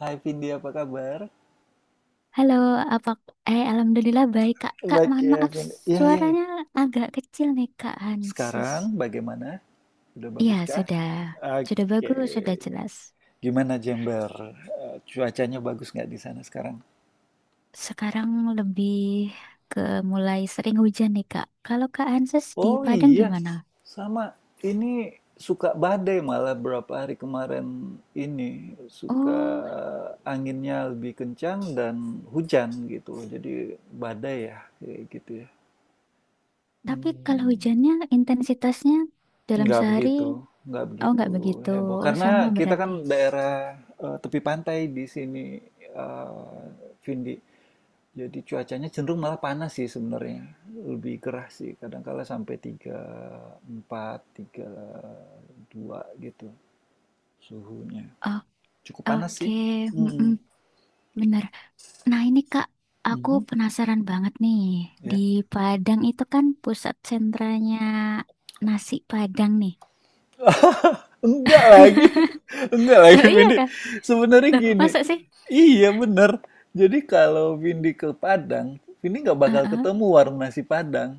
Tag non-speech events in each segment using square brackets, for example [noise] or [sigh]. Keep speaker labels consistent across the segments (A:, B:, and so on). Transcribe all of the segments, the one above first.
A: Hai Vindi, apa kabar?
B: Halo, apa eh alhamdulillah baik Kak. Kak,
A: Baik
B: mohon
A: ya,
B: maaf
A: Vin. Iya, iya, iya.
B: suaranya agak kecil nih Kak Hanses.
A: Sekarang bagaimana? Udah
B: Iya,
A: baguskah?
B: sudah. Sudah
A: Oke.
B: bagus, sudah jelas.
A: Gimana Jember? Eh, cuacanya bagus nggak di sana sekarang?
B: Sekarang lebih ke mulai sering hujan nih Kak. Kalau Kak Hanses di
A: Oh
B: Padang
A: iya,
B: gimana?
A: sama. Ini suka badai malah berapa hari kemarin ini. Suka
B: Oh,
A: anginnya lebih kencang dan hujan gitu. Jadi badai ya, kayak gitu ya.
B: tapi kalau
A: Hmm.
B: hujannya intensitasnya dalam
A: Nggak
B: sehari
A: begitu, nggak
B: oh
A: begitu
B: nggak begitu.
A: heboh.
B: Oh,
A: Karena
B: sama
A: kita
B: berarti.
A: kan daerah tepi pantai di sini, eh, Vindi. Jadi cuacanya cenderung malah panas sih sebenarnya. Lebih gerah sih, kadang-kala sampai tiga empat, tiga dua gitu suhunya.
B: Oh,
A: Cukup panas
B: oke,
A: sih.
B: mm-mm,
A: Mm.
B: benar. Nah, ini Kak, aku
A: Mhm.
B: penasaran banget nih. Di
A: Ya.
B: Padang itu kan pusat sentranya nasi Padang nih.
A: Enggak lagi,
B: [laughs]
A: [laughs] enggak lagi
B: Oh iya
A: Vindi.
B: Kak?
A: Sebenarnya
B: Loh,
A: gini,
B: masa sih?
A: iya bener. Jadi kalau Vindi ke Padang, Vindi nggak bakal
B: Heeh.
A: ketemu warung nasi Padang.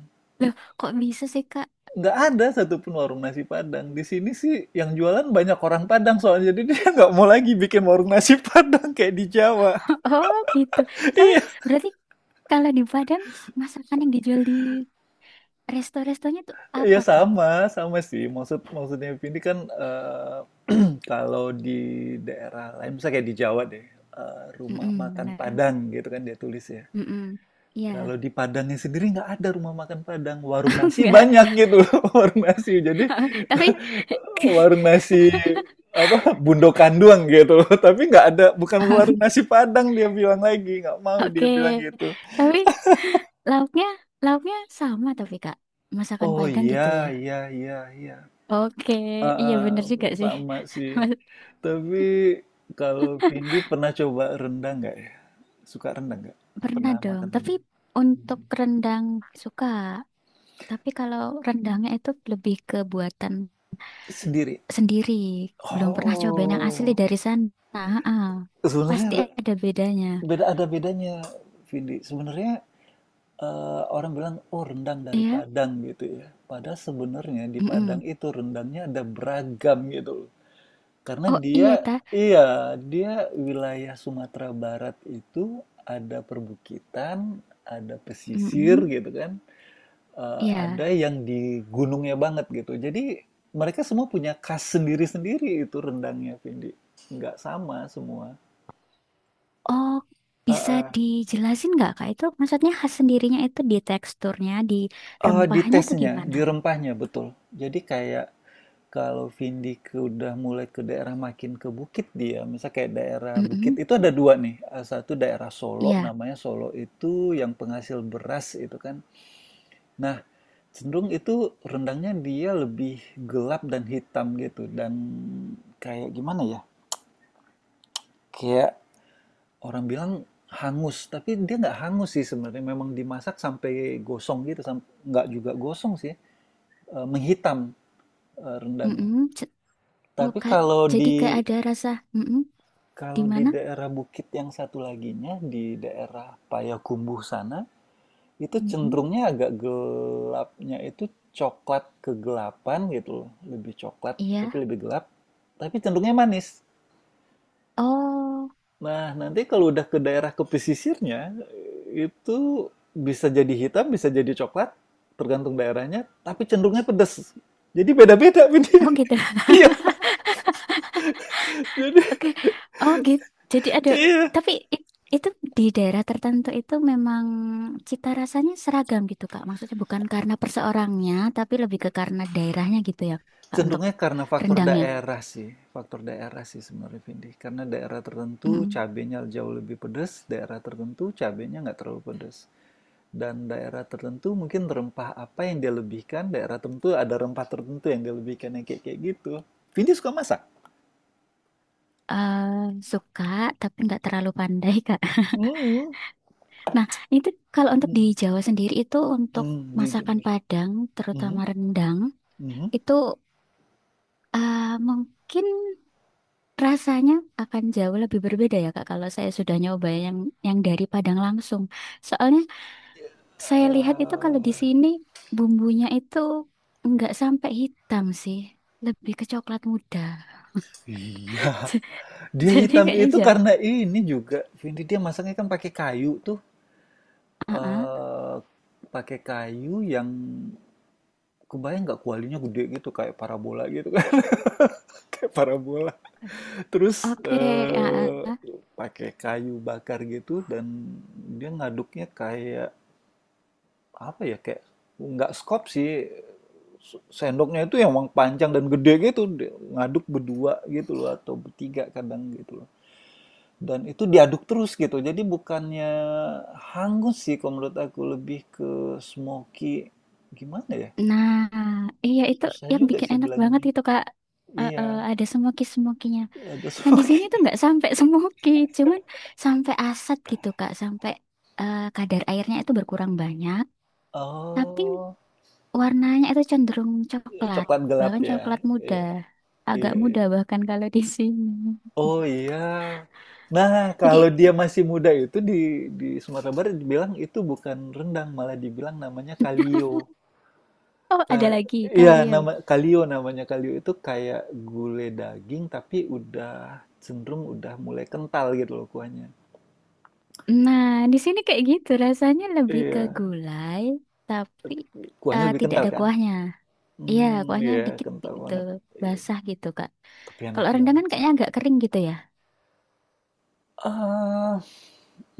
B: Kok bisa sih Kak?
A: Nggak ada satupun warung nasi Padang. Di sini sih yang jualan banyak orang Padang soalnya. Jadi [laughs] dia nggak mau lagi bikin warung nasi Padang kayak di Jawa. [laughs]
B: [laughs] Oh gitu. Tapi
A: Iya,
B: berarti kalau di Padang masakan yang dijual di resto-restonya tuh
A: iya
B: apa Kak?
A: sama, sama sih. Maksudnya Vindi kan eh, [clears throat] kalau di daerah lain, misalnya kayak di Jawa deh, rumah
B: Mm-mm,
A: makan
B: bener.
A: Padang gitu kan dia tulis ya.
B: Mm-mm. Iya.
A: Kalau di Padangnya sendiri nggak ada rumah makan Padang, warung
B: [laughs]
A: nasi
B: Nggak
A: banyak
B: ada.
A: gitu, [laughs] warung nasi.
B: [laughs]
A: Jadi
B: Tapi
A: warung nasi apa bundokan doang gitu, [laughs] tapi nggak ada, bukan warung
B: [laughs]
A: nasi Padang dia bilang lagi, nggak mau
B: oke.
A: dia bilang gitu.
B: Tapi lauknya, lauknya sama tapi Kak. Masakan
A: Oh
B: Padang
A: iya
B: gitu ya.
A: iya iya iya,
B: Oke,
A: ah,
B: iya
A: ah,
B: bener juga sih.
A: sama sih.
B: [laughs] Mas-
A: Tapi kalau Vindi pernah coba rendang nggak ya? Suka rendang nggak?
B: Pernah
A: Pernah
B: dong,
A: makan
B: tapi
A: rendang
B: untuk rendang suka. Tapi kalau rendangnya itu lebih ke buatan
A: sendiri?
B: sendiri. Belum pernah cobain yang asli
A: Oh,
B: dari sana. Ah, pasti
A: sebenarnya
B: ada bedanya.
A: ada bedanya Vindi. Sebenarnya, orang bilang, "Oh, rendang dari
B: Iya?
A: Padang," gitu ya. Padahal sebenarnya di Padang
B: Mm-mm.
A: itu rendangnya ada beragam gitu loh. Karena
B: Oh iya,
A: dia
B: ta.
A: iya, dia wilayah Sumatera Barat itu ada perbukitan, ada pesisir
B: Mm-mm.
A: gitu kan,
B: Iya.
A: ada yang di gunungnya banget gitu. Jadi mereka semua punya khas sendiri-sendiri itu rendangnya, Vindi. Nggak sama semua.
B: Oh, bisa
A: Heeh.
B: dijelasin nggak, Kak? Itu maksudnya khas sendirinya itu di teksturnya, di
A: Di
B: rempahnya atau
A: tesnya,
B: gimana?
A: di rempahnya, betul. Jadi kayak kalau vindik udah mulai ke daerah makin ke bukit dia, misal kayak daerah bukit
B: Mhm.
A: itu ada 2 nih, satu daerah Solo,
B: Iya.
A: namanya Solo itu yang penghasil beras itu kan. Nah, cenderung itu rendangnya dia lebih gelap dan hitam gitu dan kayak gimana ya, kayak orang bilang hangus, tapi dia nggak hangus sih sebenarnya, memang dimasak sampai gosong gitu, nggak juga gosong sih, menghitam, rendangnya.
B: Mhm. Ce- Oh,
A: Tapi
B: kayak
A: kalau
B: jadi
A: di
B: kayak ada rasa mhm. Di
A: kalau di
B: mana?
A: daerah bukit yang satu laginya di daerah Payakumbuh sana itu
B: Mhm.
A: cenderungnya agak gelapnya itu coklat kegelapan gitu loh. Lebih coklat tapi
B: Iya.
A: lebih gelap, tapi cenderungnya manis.
B: Oh,
A: Nah, nanti kalau udah ke pesisirnya itu bisa jadi hitam, bisa jadi coklat, tergantung daerahnya, tapi cenderungnya pedas. Jadi beda-beda. [laughs]
B: oh gitu. [laughs]
A: Iya, jadi
B: Oke. Oh gitu. Jadi ada
A: iya.
B: tapi i- itu di daerah tertentu itu memang cita rasanya seragam gitu Kak. Maksudnya bukan karena perseorangnya, tapi lebih ke karena daerahnya gitu ya Kak untuk
A: Cenderungnya karena faktor
B: rendangnya.
A: daerah sih, faktor daerah sih sebenarnya Vindi. Karena daerah tertentu
B: Mhm.
A: cabenya jauh lebih pedas, daerah tertentu cabenya nggak terlalu pedas. Dan daerah tertentu mungkin rempah apa yang dia lebihkan, daerah tertentu ada rempah tertentu yang dia lebihkan yang kayak kayak gitu. Vindi suka masak?
B: Eh, suka tapi nggak terlalu pandai [laughs] Kak.
A: Hmm,
B: Nah, itu kalau untuk di
A: hmm,
B: Jawa sendiri itu untuk
A: hmm. Di
B: masakan
A: Jember.
B: Padang,
A: Hmm,
B: terutama rendang,
A: hmm.
B: itu eh, mungkin rasanya akan jauh lebih berbeda ya Kak kalau saya sudah nyoba yang dari Padang langsung. Soalnya saya lihat itu kalau di
A: Eh,
B: sini bumbunya itu nggak sampai hitam sih, lebih ke coklat muda.
A: iya,
B: [laughs]
A: dia
B: Jadi
A: hitam
B: kayaknya
A: itu
B: aja.
A: karena ini juga. Vindi dia masaknya kan pakai kayu tuh.
B: Heeh.
A: eh Pakai kayu yang kebayang nggak kualinya gede gitu kayak parabola gitu kan, [laughs] kayak parabola terus
B: Oke, heeh.
A: pakai kayu bakar gitu, dan dia ngaduknya kayak apa ya, kayak nggak skop sih, sendoknya itu yang emang panjang dan gede gitu. Dia ngaduk berdua gitu loh atau bertiga kadang gitu loh, dan itu diaduk terus gitu, jadi bukannya hangus sih, kalau menurut aku lebih ke smoky, gimana ya.
B: Nah, iya itu
A: Susah
B: yang
A: juga
B: bikin
A: sih
B: enak banget
A: bilanginnya.
B: itu Kak.
A: Iya,
B: Ada semoki-semokinya.
A: ada
B: Nah, di sini
A: smoky.
B: tuh
A: [laughs]
B: nggak sampai [laughs] semoki, cuman sampai asat gitu Kak, sampai kadar airnya itu berkurang banyak, tapi
A: Oh,
B: warnanya itu cenderung coklat,
A: coklat gelap
B: bahkan
A: ya?
B: coklat muda.
A: Iya,
B: Agak
A: iya, iya.
B: muda bahkan kalau di [laughs] sini.
A: Oh iya. Nah,
B: Jadi,
A: kalau dia masih muda itu di Sumatera Barat dibilang itu bukan rendang, malah dibilang namanya kalio.
B: oh ada
A: Ka-
B: lagi
A: Iya,
B: kalio.
A: namanya kalio itu kayak gulai daging tapi udah mulai kental gitu loh kuahnya.
B: Nah, di sini kayak gitu rasanya lebih ke
A: Iya,
B: gulai, tapi
A: kuahnya lebih
B: tidak
A: kental
B: ada
A: kan?
B: kuahnya. Iya,
A: Hmm,
B: kuahnya
A: iya,
B: dikit
A: kental
B: gitu,
A: banget. Iya,
B: basah gitu, Kak.
A: tapi enak
B: Kalau rendang kan
A: banget.
B: kayaknya agak kering gitu ya.
A: Eee,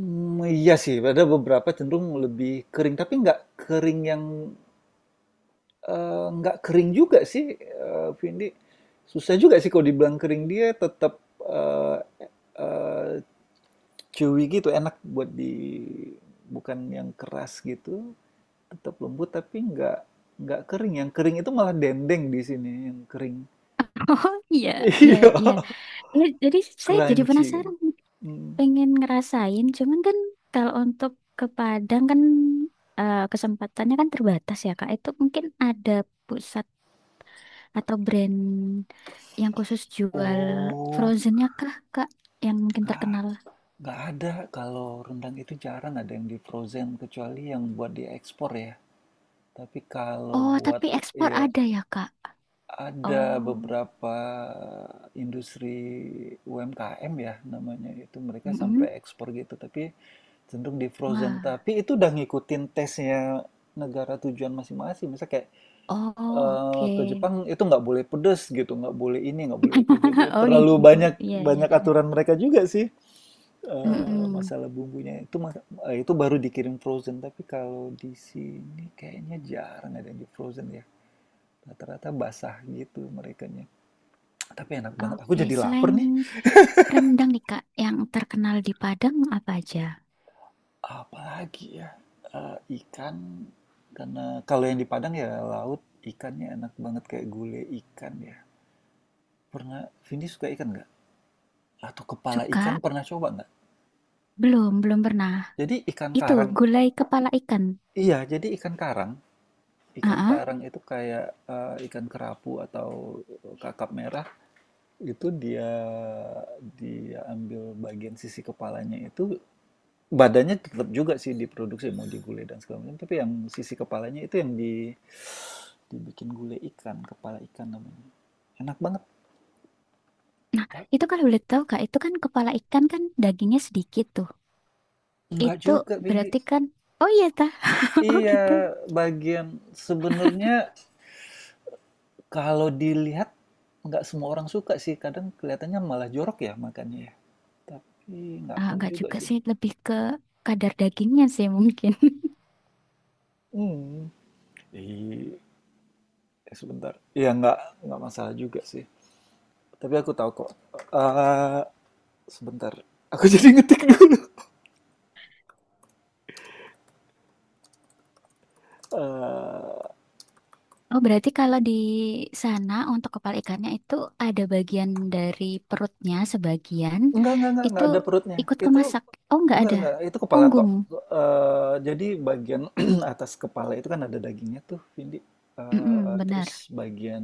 A: iya sih, ada beberapa cenderung lebih kering, tapi nggak kering yang, nggak kering juga sih, Vindi. Susah juga sih kalau dibilang kering, dia tetap, eee eee, chewy gitu, enak buat di bukan yang keras gitu, tetap lembut tapi nggak kering. Yang kering itu malah dendeng di sini, yang kering.
B: [laughs] Oh iya,
A: [laughs]
B: iya,
A: Iya,
B: iya. Iya, jadi saya jadi
A: crunchy kan.
B: penasaran,
A: Mhm.
B: pengen ngerasain. Cuman kan kalau untuk ke Padang kan kesempatannya kan terbatas ya, Kak. Itu mungkin ada pusat atau brand yang khusus jual
A: Oh,
B: frozennya kah, Kak? Yang mungkin terkenal.
A: nggak ada. Kalau rendang itu jarang ada yang di frozen kecuali yang buat diekspor ya. Tapi kalau
B: Oh,
A: buat
B: tapi ekspor
A: ya
B: ada ya, Kak?
A: ada
B: Oh,
A: beberapa industri UMKM ya namanya, itu mereka
B: mm-mm.
A: sampai ekspor gitu tapi cenderung di frozen.
B: Wah.
A: Tapi itu udah ngikutin tesnya negara tujuan masing-masing. Misal kayak
B: Oh,
A: ke
B: oke.
A: Jepang itu nggak boleh pedes gitu, nggak boleh ini, nggak boleh itu. Jadi
B: [laughs] Oh
A: terlalu
B: gitu,
A: banyak
B: iya iya.
A: banyak aturan mereka juga sih.
B: Mm-mm.
A: Masalah bumbunya itu, masa itu baru dikirim frozen, tapi kalau di sini kayaknya jarang ada yang di frozen ya. Rata-rata basah gitu merekanya. Tapi enak banget, aku
B: Oke,
A: jadi lapar
B: selain
A: nih.
B: rendang nih Kak, yang terkenal di Padang apa aja?
A: Apalagi ya, ikan, karena kalau yang di Padang ya laut, ikannya enak banget kayak gulai ikan ya. Pernah Vindi suka ikan nggak? Atau kepala ikan
B: Suka?
A: pernah coba nggak?
B: Belum, belum pernah.
A: Jadi ikan
B: Itu
A: karang
B: gulai kepala ikan.
A: iya, jadi ikan karang Ikan
B: Ah,
A: karang itu kayak ikan kerapu atau kakap merah, itu dia dia ambil bagian sisi kepalanya itu, badannya tetap juga sih diproduksi mau digulai dan segala macam, tapi yang sisi kepalanya itu yang dibikin gulai ikan, kepala ikan namanya. Enak banget.
B: nah,
A: Ta-
B: itu kalau boleh tahu Kak, itu kan kepala ikan kan dagingnya sedikit tuh.
A: Enggak
B: Itu
A: juga, Vindi.
B: berarti kan, oh iya ta, [laughs] oh
A: Iya,
B: gitu.
A: bagian sebenarnya kalau dilihat nggak semua orang suka sih. Kadang kelihatannya malah jorok ya makannya ya. Tapi nggak
B: Ah,
A: tahu
B: nggak
A: juga
B: juga
A: sih.
B: sih, lebih ke kadar dagingnya sih mungkin.
A: Hmm, i Sebentar. Iya, nggak masalah juga sih. Tapi aku tahu kok, eee, sebentar, aku [laughs] jadi ngetik dulu, eee,
B: Oh, berarti kalau di sana untuk kepala ikannya itu ada bagian dari perutnya sebagian
A: enggak enggak enggak
B: itu
A: enggak ada perutnya.
B: ikut
A: Itu
B: kemasak. Oh, nggak
A: enggak
B: ada.
A: enggak, itu kepala, oh, tok,
B: Punggung.
A: jadi bagian [clears throat] atas kepala itu kan ada dagingnya tuh, Vindi,
B: Mm-mm,
A: terus
B: benar.
A: bagian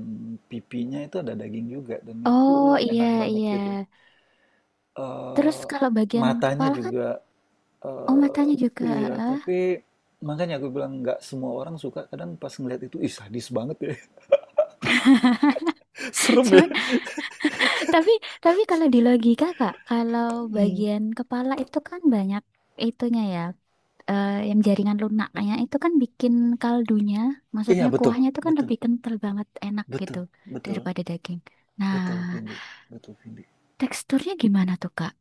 A: pipinya itu ada daging juga dan
B: Oh,
A: itu enak
B: iya,
A: banget
B: iya.
A: gitu.
B: Terus
A: Eee,
B: kalau bagian
A: Matanya
B: kepala kan,
A: juga.
B: oh
A: Eee,
B: matanya juga.
A: iya, tapi
B: Ah.
A: makanya aku bilang nggak semua orang suka. Kadang pas ngeliat itu, "Ih, sadis banget ya, [laughs]
B: [laughs]
A: serem ya."
B: Cuman, tapi tapi kalau di logika, Kak, kalau bagian kepala itu kan banyak itunya ya. Yang jaringan lunaknya itu kan bikin kaldunya,
A: Iya, ya
B: maksudnya
A: betul
B: kuahnya itu kan
A: betul
B: lebih kental banget, enak gitu
A: betul betul
B: daripada daging. Nah,
A: betul, Vindi, betul, Vindi.
B: teksturnya gimana tuh Kak?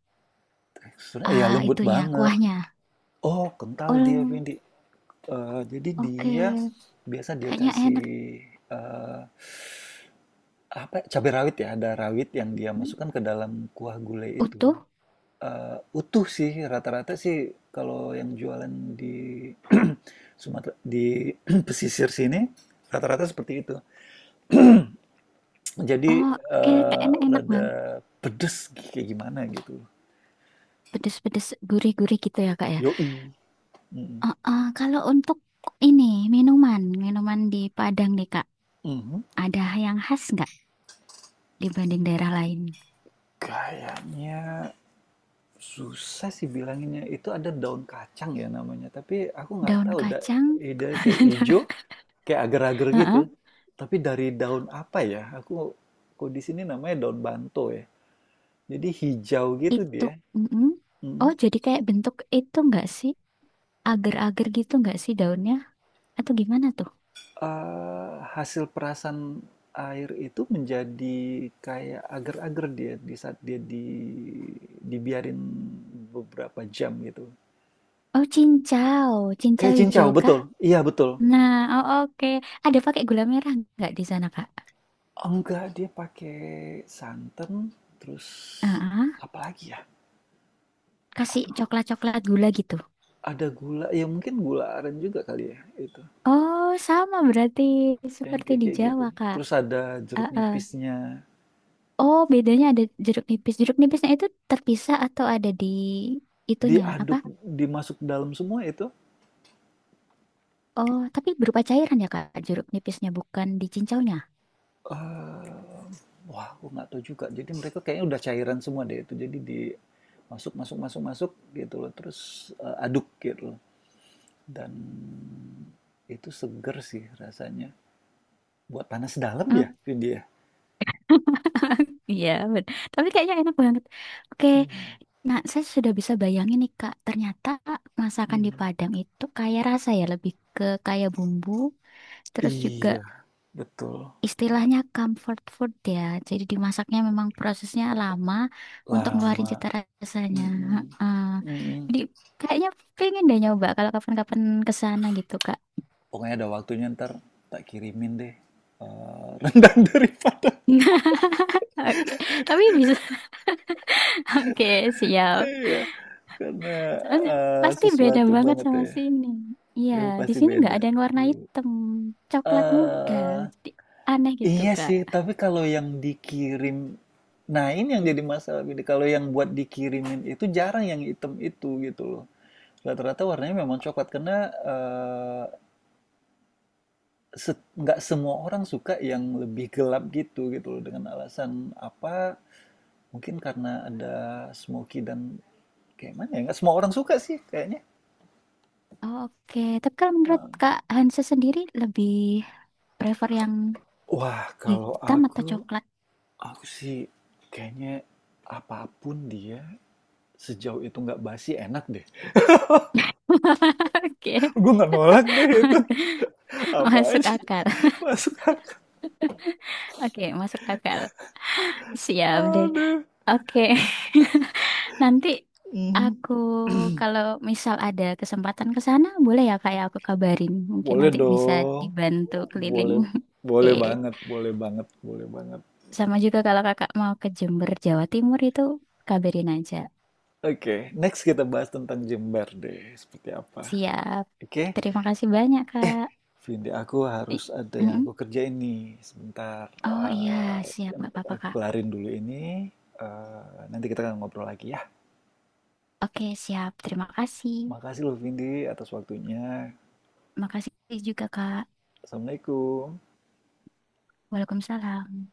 A: Teksturnya iya,
B: Ah,
A: lembut ya
B: itunya
A: banget.
B: kuahnya.
A: Oh, kental dia,
B: Oh,
A: Vindi. Jadi
B: oke.
A: dia biasa dia
B: Kayaknya
A: kasih,
B: enak.
A: eee, apa ya, cabai rawit ya, ada rawit yang dia
B: Hmm,
A: masukkan ke dalam kuah gulai itu.
B: utuh?
A: Utuh sih, rata-rata sih kalau yang jualan di [clears throat] Sumatera di [clears throat] pesisir sini rata-rata seperti itu. Jadi,
B: Oh, kayaknya enak-enak
A: rada
B: banget.
A: pedes kayak gimana gitu.
B: Pedes-pedes, gurih-gurih gitu ya Kak ya.
A: Yoi, mhm,
B: Kalau untuk ini minuman, minuman di Padang nih Kak,
A: mhm.
B: ada yang khas nggak dibanding daerah lain?
A: Kayaknya susah sih bilanginnya, itu ada daun kacang ya namanya, tapi aku nggak
B: Daun
A: tahu da
B: kacang?
A: i kayak ijo,
B: [laughs]
A: kayak agar-agar gitu,
B: Heeh.
A: Mhm. Tapi dari daun apa ya? Aku kalau di sini namanya daun banto ya. Jadi hijau gitu
B: Itu,
A: dia.
B: mm-mm.
A: Mm.
B: Oh, jadi kayak bentuk itu nggak sih? Agar-agar gitu nggak sih daunnya? Atau gimana tuh?
A: Hasil perasan air itu menjadi kayak agar-agar dia di saat dia dibiarin beberapa jam gitu.
B: Oh, cincau. Cincau
A: Kayak cincau,
B: hijau kah?
A: betul. Iya, betul.
B: Nah, oh, oke. Ada pakai gula merah nggak di sana, Kak?
A: Enggak, dia pakai santan terus
B: Ah,
A: apa lagi ya?
B: kasih
A: Aduh,
B: coklat-coklat gula gitu.
A: ada gula. Ya mungkin gula aren juga kali ya itu.
B: Oh, sama berarti
A: Yang
B: seperti
A: kayak
B: di
A: kayak gitu.
B: Jawa, Kak.
A: Terus ada
B: Ah,
A: jeruk
B: ah.
A: nipisnya.
B: Oh, bedanya ada jeruk nipis. Jeruk nipisnya itu terpisah atau ada di itunya, apa?
A: Diaduk, dimasuk dalam semua itu.
B: Oh, tapi berupa cairan ya, Kak, jeruk nipisnya, bukan di cincaunya.
A: Eee, Wah aku nggak tahu juga. Jadi mereka kayaknya udah cairan semua deh itu. Jadi di masuk masuk masuk masuk gitu loh. Terus, aduk gitu loh. Dan itu seger sih rasanya. Buat panas dalam ya ini ya?
B: [laughs] Iya, tapi kayaknya enak banget. Oke,
A: Mhm,
B: nah saya sudah bisa bayangin nih Kak, ternyata masakan di
A: mhm.
B: Padang itu kaya rasa ya, lebih ke kaya bumbu, terus juga
A: Iya, betul.
B: istilahnya comfort food ya. Jadi dimasaknya memang prosesnya lama untuk ngeluarin
A: Lama.
B: cita rasanya.
A: Mhm,
B: Heeh.
A: mhm.
B: Jadi kayaknya pengen deh nyoba kalau kapan-kapan ke sana gitu Kak.
A: Pokoknya ada waktunya ntar tak kirimin deh, rendang [laughs] dari Padang.
B: [laughs] Oke, tapi bisa. [laughs] Oke, siap.
A: Ya. Karena,
B: Soalnya pasti beda
A: sesuatu
B: banget
A: banget
B: sama
A: ya.
B: sini. Iya,
A: Itu
B: di
A: pasti
B: sini nggak
A: beda.
B: ada yang warna hitam, coklat muda.
A: Eee,
B: Jadi aneh gitu,
A: iya
B: Kak.
A: sih, tapi kalau yang dikirim, nah ini yang jadi masalah gini, kalau yang buat dikirimin itu jarang yang hitam itu gitu loh. Rata-rata warnanya memang coklat karena, eee, set nggak semua orang suka yang lebih gelap gitu gitu loh, dengan alasan apa, mungkin karena ada smoky dan kayak mana ya, nggak semua orang suka sih kayaknya.
B: Oh, oke, tapi kalau menurut Kak Hansa sendiri lebih prefer yang
A: Wah, kalau
B: hitam atau
A: aku,
B: coklat?
A: aku sih kayaknya apapun dia sejauh itu nggak basi enak deh.
B: [laughs] Oke,
A: Gue nggak nolak deh itu. Apa
B: masuk
A: aja
B: akal.
A: masuk akal.
B: Oke, masuk akal. Siap deh.
A: Aduh.
B: Oke, [laughs] nanti
A: Mhm.
B: aku kalau misal ada kesempatan ke sana, boleh ya Kak ya aku kabarin. Mungkin
A: Boleh
B: nanti bisa
A: dong.
B: dibantu keliling.
A: Boleh,
B: [laughs] Oke.
A: boleh banget, boleh banget, boleh banget.
B: Sama juga kalau kakak mau ke Jember, Jawa Timur itu kabarin aja.
A: Oke, next kita bahas tentang Jember deh, seperti apa.
B: Siap.
A: Oke,
B: Terima kasih banyak, Kak.
A: Vindi, aku harus
B: I-
A: ada yang
B: Mm-mm.
A: aku kerjain nih. Sebentar,
B: Oh iya,
A: eh,
B: siap. Nggak apa-apa,
A: aku
B: Kak.
A: kelarin dulu ini. Eh, nanti kita akan ngobrol lagi ya.
B: Oke, siap. Terima kasih.
A: Makasih loh Vindi atas waktunya.
B: Makasih juga, Kak.
A: Assalamualaikum.
B: Waalaikumsalam.